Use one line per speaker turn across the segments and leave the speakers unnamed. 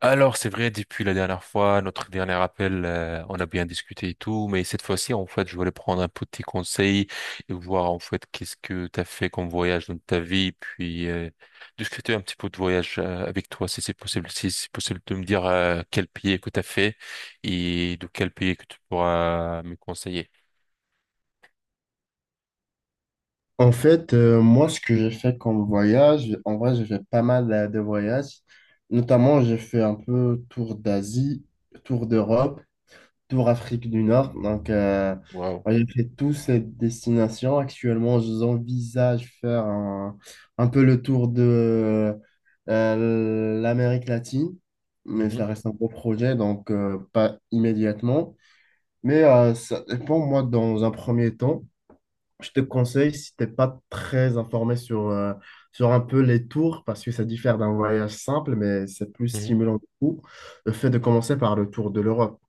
Alors, c'est vrai, depuis la dernière fois, notre dernier appel, on a bien discuté et tout, mais cette fois-ci, en fait, je voulais prendre un petit conseil et voir, en fait, qu'est-ce que tu as fait comme voyage dans ta vie, puis discuter un petit peu de voyage avec toi, si c'est possible, si c'est possible de me dire quel pays que tu as fait et de quel pays que tu pourras me conseiller.
En fait, moi, ce que j'ai fait comme voyage, en vrai, j'ai fait pas mal de voyages. Notamment, j'ai fait un peu tour d'Asie, tour d'Europe, tour Afrique du Nord. Donc,
Wow.
moi, j'ai fait toutes ces destinations. Actuellement, j'envisage faire un peu le tour de l'Amérique latine, mais ça reste un gros projet, donc pas immédiatement. Mais ça dépend, moi, dans un premier temps. Je te conseille, si t'es pas très informé sur un peu les tours, parce que ça diffère d'un voyage simple, mais c'est plus stimulant du coup, le fait de commencer par le tour de l'Europe.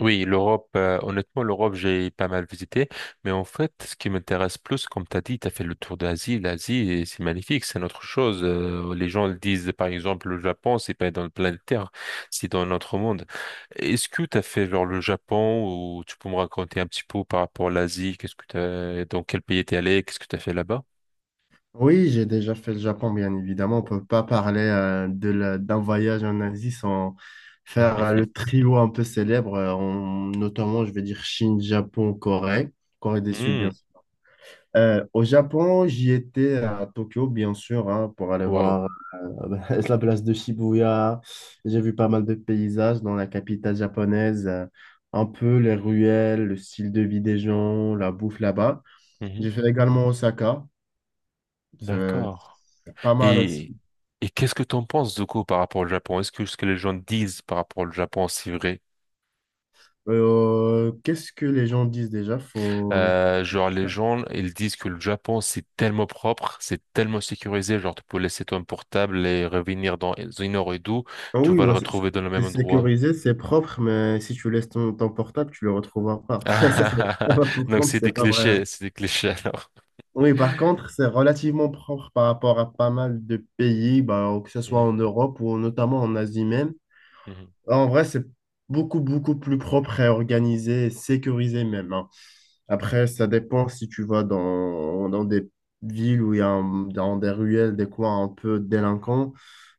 Oui, l'Europe, honnêtement, l'Europe, j'ai pas mal visité, mais en fait, ce qui m'intéresse plus, comme tu as dit, tu as fait le tour d'Asie, l'Asie, et c'est magnifique, c'est notre chose. Les gens le disent, par exemple, le Japon, c'est pas dans le planète Terre, c'est dans notre monde. Est-ce que tu as fait genre le Japon ou tu peux me raconter un petit peu par rapport à l'Asie, qu'est-ce que t'as, dans quel pays t'es allé, qu'est-ce que tu as fait là-bas?
Oui, j'ai déjà fait le Japon, bien évidemment. On peut pas parler d'un voyage en Asie sans faire
Mhm.
le trio un peu célèbre, notamment, je vais dire Chine, Japon, Corée, Corée du Sud, bien
Mhm.
sûr. Au Japon, j'y étais à Tokyo, bien sûr, hein, pour aller voir euh, la place de Shibuya. J'ai vu pas mal de paysages dans la capitale japonaise, un peu les ruelles, le style de vie des gens, la bouffe là-bas.
Mhm.
J'ai fait également Osaka, c'est
D'accord.
c'est pas mal
Et,
aussi.
et qu'est-ce que t'en penses du coup par rapport au Japon? Est-ce que ce que les gens disent par rapport au Japon, c'est vrai?
Qu'est-ce que les gens disent déjà? Faut...
Genre les gens, ils disent que le Japon, c'est tellement propre, c'est tellement sécurisé, genre tu peux laisser ton portable et revenir dans une heure et deux,
Ah
tu
oui,
vas le
bah, c'est
retrouver dans le
c'est
même endroit.
sécurisé, c'est propre, mais si tu laisses ton portable, tu le retrouveras pas. Ça, c'est- Ça, par
Donc
contre, c'est pas vrai.
c'est des clichés alors.
Oui, par contre, c'est relativement propre par rapport à pas mal de pays, bah, que ce soit
Mhm,
en Europe ou notamment en Asie même.
mhm,
En vrai, c'est beaucoup, beaucoup plus propre et organisé et sécurisé même, hein. Après, ça dépend si tu vas dans des villes où il y a un- dans des ruelles, des coins un peu délinquants,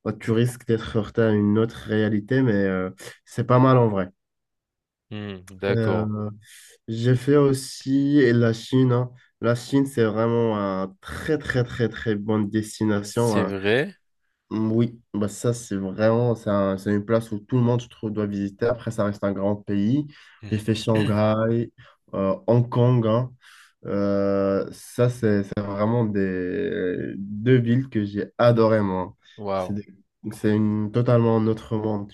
bah, tu
mhm.
risques d'être heurté à une autre réalité, mais c'est pas mal en vrai.
Hmm,
Euh,
d'accord.
j'ai fait aussi et la Chine, hein. La Chine, c'est vraiment un très, très, très, très bonne destination,
C'est
hein.
vrai?
Oui, bah ça, c'est vraiment, c'est une place où tout le monde, je trouve, doit visiter. Après, ça reste un grand pays. J'ai
Mhm.
fait Shanghai, Hong Kong, hein. Ça, c'est vraiment des deux villes que j'ai adoré, moi. C'est
Waouh.
des- c'est une totalement un autre monde.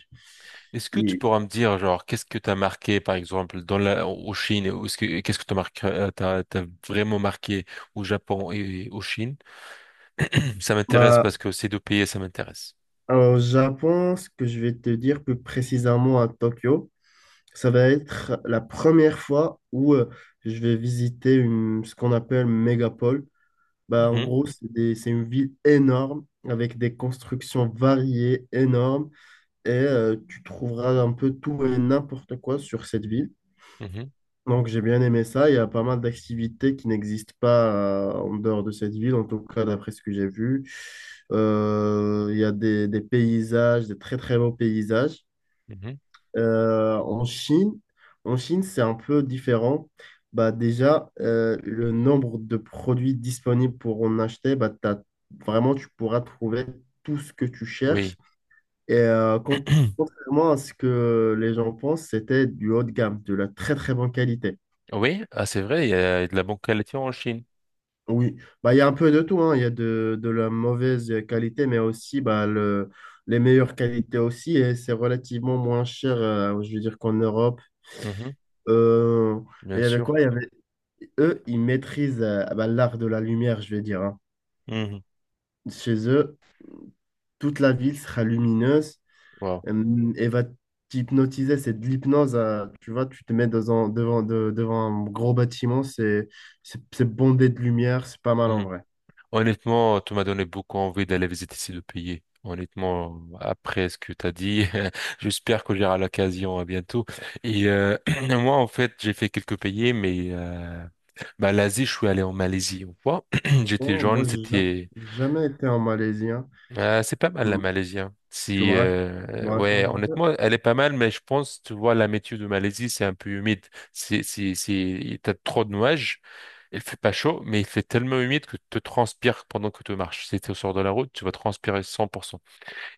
Est-ce que tu
Et-
pourras me dire, genre, qu'est-ce que t'as marqué, par exemple, au Chine, qu'est-ce que t'as marqué, t'as vraiment marqué au Japon et au Chine? Ça m'intéresse
Bah,
parce que ces deux pays, ça m'intéresse.
alors, au Japon, ce que je vais te dire plus précisément à Tokyo, ça va être la première fois où je vais visiter une, ce qu'on appelle mégapole. Bah, en
Mhm,
gros, c'est une ville énorme avec des constructions variées, énormes, et tu trouveras un peu tout et n'importe quoi sur cette ville.
mhm,
Donc j'ai bien aimé ça. Il y a pas mal d'activités qui n'existent pas en dehors de cette ville, en tout cas d'après ce que j'ai vu. Il y a des paysages, des très très beaux paysages.
mhm.
Euh, en Chine, en Chine, c'est un peu différent. Bah, déjà, le nombre de produits disponibles pour en acheter, bah, vraiment, tu pourras trouver tout ce que tu cherches.
Oui.
Et contrairement à ce que les gens pensent, c'était du haut de gamme, de la très très bonne qualité.
Oui, ah, c'est vrai, il y a de la bonne qualité en Chine.
Oui, bah, il y a un peu de tout, hein. Il y a de la mauvaise qualité, mais aussi bah, les meilleures qualités aussi, et c'est relativement moins cher, je veux dire, qu'en Europe.
Mhm,
Euh, il
bien
y avait
sûr.
quoi? Eux, ils maîtrisent bah, l'art de la lumière, je vais dire, hein.
Mhm.
Chez eux, toute la ville sera lumineuse
Wow.
et va t'hypnotiser. C'est de l'hypnose. Tu vois, tu te mets devant un gros bâtiment, c'est bondé de lumière, c'est pas mal en vrai.
Honnêtement, tu m'as donné beaucoup envie d'aller visiter ces deux pays. Honnêtement, après ce que tu as dit, j'espère que j'aurai l'occasion à bientôt. Et moi, en fait, j'ai fait quelques pays, mais bah, l'Asie, je suis allé en Malaisie une fois. J'étais
Oh,
jeune,
moi,
c'était...
jamais été en Malaisie, hein.
C'est pas
Tu
mal la
m-
Malaisie. Hein.
tu me,
Si,
rac- tu me
ouais,
racontes un peu.
honnêtement, elle est pas mal, mais je pense, tu vois, la météo de Malaisie, c'est un peu humide. T'as trop de nuages. Il fait pas chaud, mais il fait tellement humide que tu te transpires pendant que tu marches. Si tu sors de la route, tu vas transpirer 100%.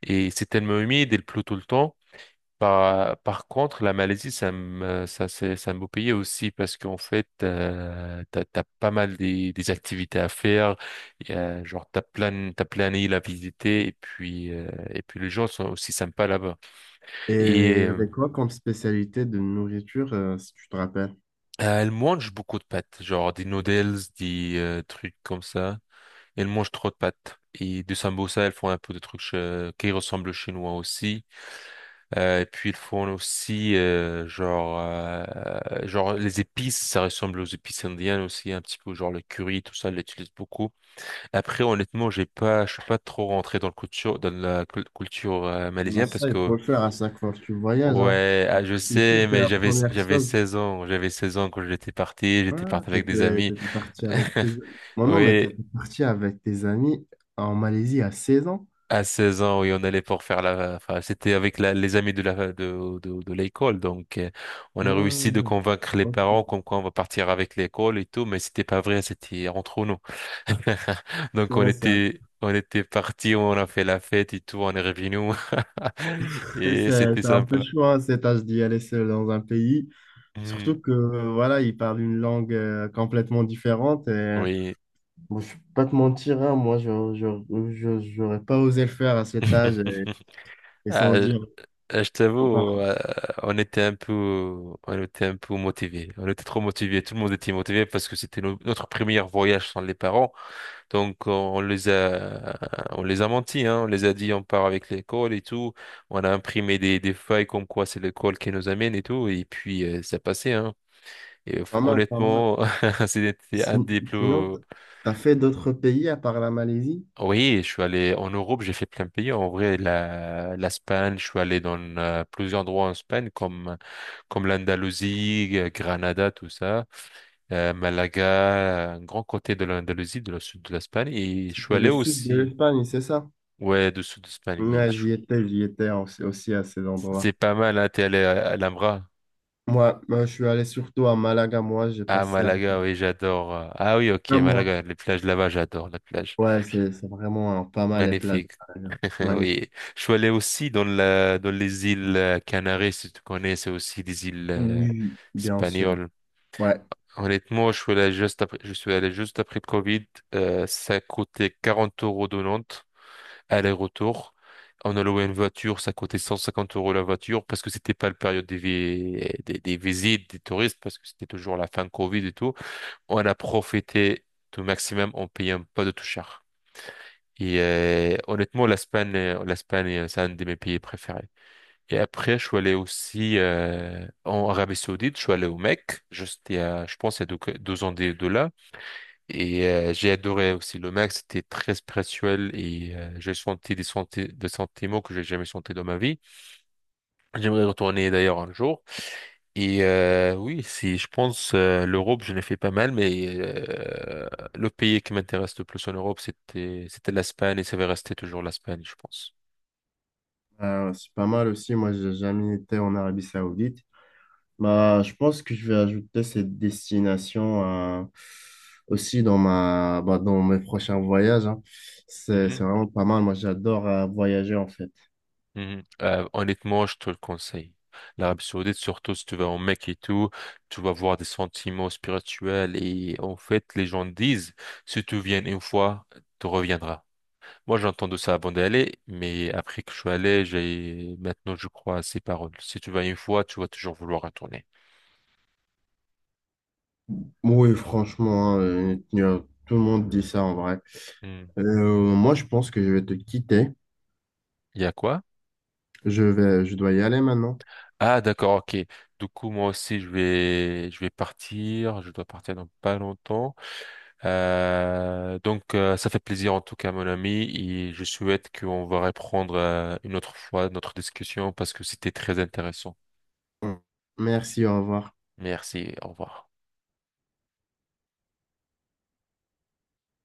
Et c'est tellement humide, et il pleut tout le temps. Par contre, la Malaisie, ça me, ça, c'est un beau pays aussi parce qu'en fait, t'as pas mal des activités à faire. Il y a, genre, t'as plein d'îles à visiter et puis les gens sont aussi sympas là-bas. Et,
Et il y
euh,
avait quoi comme spécialité de nourriture, si tu te rappelles?
elle mange beaucoup de pâtes, genre des noodles, des trucs comme ça. Elle mange trop de pâtes. Et de sambosa, elles font un peu de trucs qui ressemblent aux chinois aussi. Et puis, ils font aussi, genre, les épices, ça ressemble aux épices indiennes aussi, un petit peu, genre le curry, tout ça, elle l'utilise beaucoup. Après, honnêtement, j'ai pas, je suis pas trop rentré dans la culture
Ah,
malaisienne parce
ça, il
que,
faut le faire à chaque fois que tu voyages, hein.
ouais, ah, je
La culture,
sais,
c'est
mais
la
j'avais,
première
j'avais
chose.
16 ans, j'avais 16 ans quand j'étais parti, j'étais
Ah,
parti avec des
t'étais,
amis.
t'étais parti avec tes... Non, non, mais
Oui,
t'étais parti avec tes amis en Malaisie à 16 ans?
À 16 ans, oui, on allait pour faire la. Enfin, c'était avec les amis de la, de l'école, donc, on a réussi de
Ah,
convaincre les parents
ok.
comme quoi on va partir avec l'école et tout, mais c'était pas vrai, c'était entre nous. Donc on
Ouais,
était, on était partis, on a fait la fête et tout, on est revenus et c'était
c'est un peu
sympa.
chaud, hein, cet âge d'y aller seul dans un pays.
Mhm.
Surtout que voilà, ils parlent une langue complètement différente. Et,
Oui.
bon, je ne vais pas te mentir, hein, moi, je j'aurais pas osé le faire à cet âge. Et, et
Ah,
sans dire,
Je
oh, pas,
t'avoue, on était un peu, on était un peu motivés. On était trop motivés. Tout le monde était motivé parce que c'était notre premier voyage sans les parents. Donc, on les a, on les a menti, hein. On les a dit, on part avec l'école et tout. On a imprimé des feuilles comme quoi c'est l'école qui nous amène et tout. Et puis, ça passait, hein. Et
pas mal, pas mal.
honnêtement, c'était
Et
un des plus,
sinon, tu as fait d'autres pays à part la Malaisie?
Oui, je suis allé en Europe, j'ai fait plein de pays. En vrai, l'Espagne, je suis allé dans plusieurs endroits en Espagne, comme l'Andalousie, Granada, tout ça, Malaga, un grand côté de l'Andalousie, de la sud de l'Espagne. Et je suis
C'est
allé
le sud de
aussi,
l'Espagne, c'est ça?
ouais, du sud d'Espagne, oui.
Ouais,
je
j'y étais aussi, aussi à ces endroits.
C'est pas mal, hein, t'es allé à Alhambra.
Moi, je suis allé surtout à Malaga, moi, j'ai
Ah,
passé un,
Malaga, oui, j'adore. Ah oui, ok,
un mois.
Malaga, les plages là-bas, j'adore la plage.
Ouais, c'est vraiment pas mal les plages.
Magnifique.
Malaga. Magnifique.
Oui. Je suis allé aussi dans les îles Canaries, si tu connais, c'est aussi des îles
Oui, bien sûr.
espagnoles.
Ouais.
Honnêtement, je suis allé juste après, je suis allé juste après le Covid. Ça coûtait 40 euros de Nantes, aller-retour. On a loué une voiture, ça coûtait 150 euros la voiture parce que c'était pas la période des visites, des touristes, parce que c'était toujours la fin de Covid et tout. On a profité au maximum en payant pas de tout cher. Et honnêtement, l'Espagne, c'est un de mes pays préférés. Et après, je suis allé aussi en Arabie Saoudite, je suis allé au Mecque, juste il y a, je pense, il y a deux ans de là. Et j'ai adoré aussi le Mecque, c'était très spirituel et j'ai senti des sentiments que j'ai jamais sentis dans ma vie. J'aimerais retourner d'ailleurs un jour. Et oui, si je pense l'Europe, je l'ai fait pas mal, mais le pays qui m'intéresse le plus en Europe, c'était l'Espagne et ça va rester toujours l'Espagne, je pense.
C'est pas mal aussi. Moi, j'ai jamais été en Arabie Saoudite. Bah, je pense que je vais ajouter cette destination euh, aussi bah, dans mes prochains voyages, hein. C'est
Mhm,
vraiment pas mal. Moi, j'adore voyager en fait.
mhm. Honnêtement, je te le conseille. L'Arabie Saoudite, surtout si tu vas en Mecque et tout, tu vas voir des sentiments spirituels et en fait, les gens disent, si tu viens une fois, tu reviendras. Moi, j'ai entendu ça avant d'aller, mais après que je suis allé, j'ai maintenant, je crois à ces paroles. Si tu vas une fois, tu vas toujours vouloir retourner.
Oui, franchement, hein, tout le monde dit ça en vrai.
Hmm.
Moi, je pense que je vais te quitter.
Il y a quoi?
Je dois y aller maintenant.
Ah, d'accord, ok. Du coup, moi aussi, je vais partir. Je dois partir dans pas longtemps. Donc, ça fait plaisir en tout cas, mon ami, et je souhaite qu'on va reprendre une autre fois notre discussion parce que c'était très intéressant.
Merci, au revoir.
Merci, au revoir.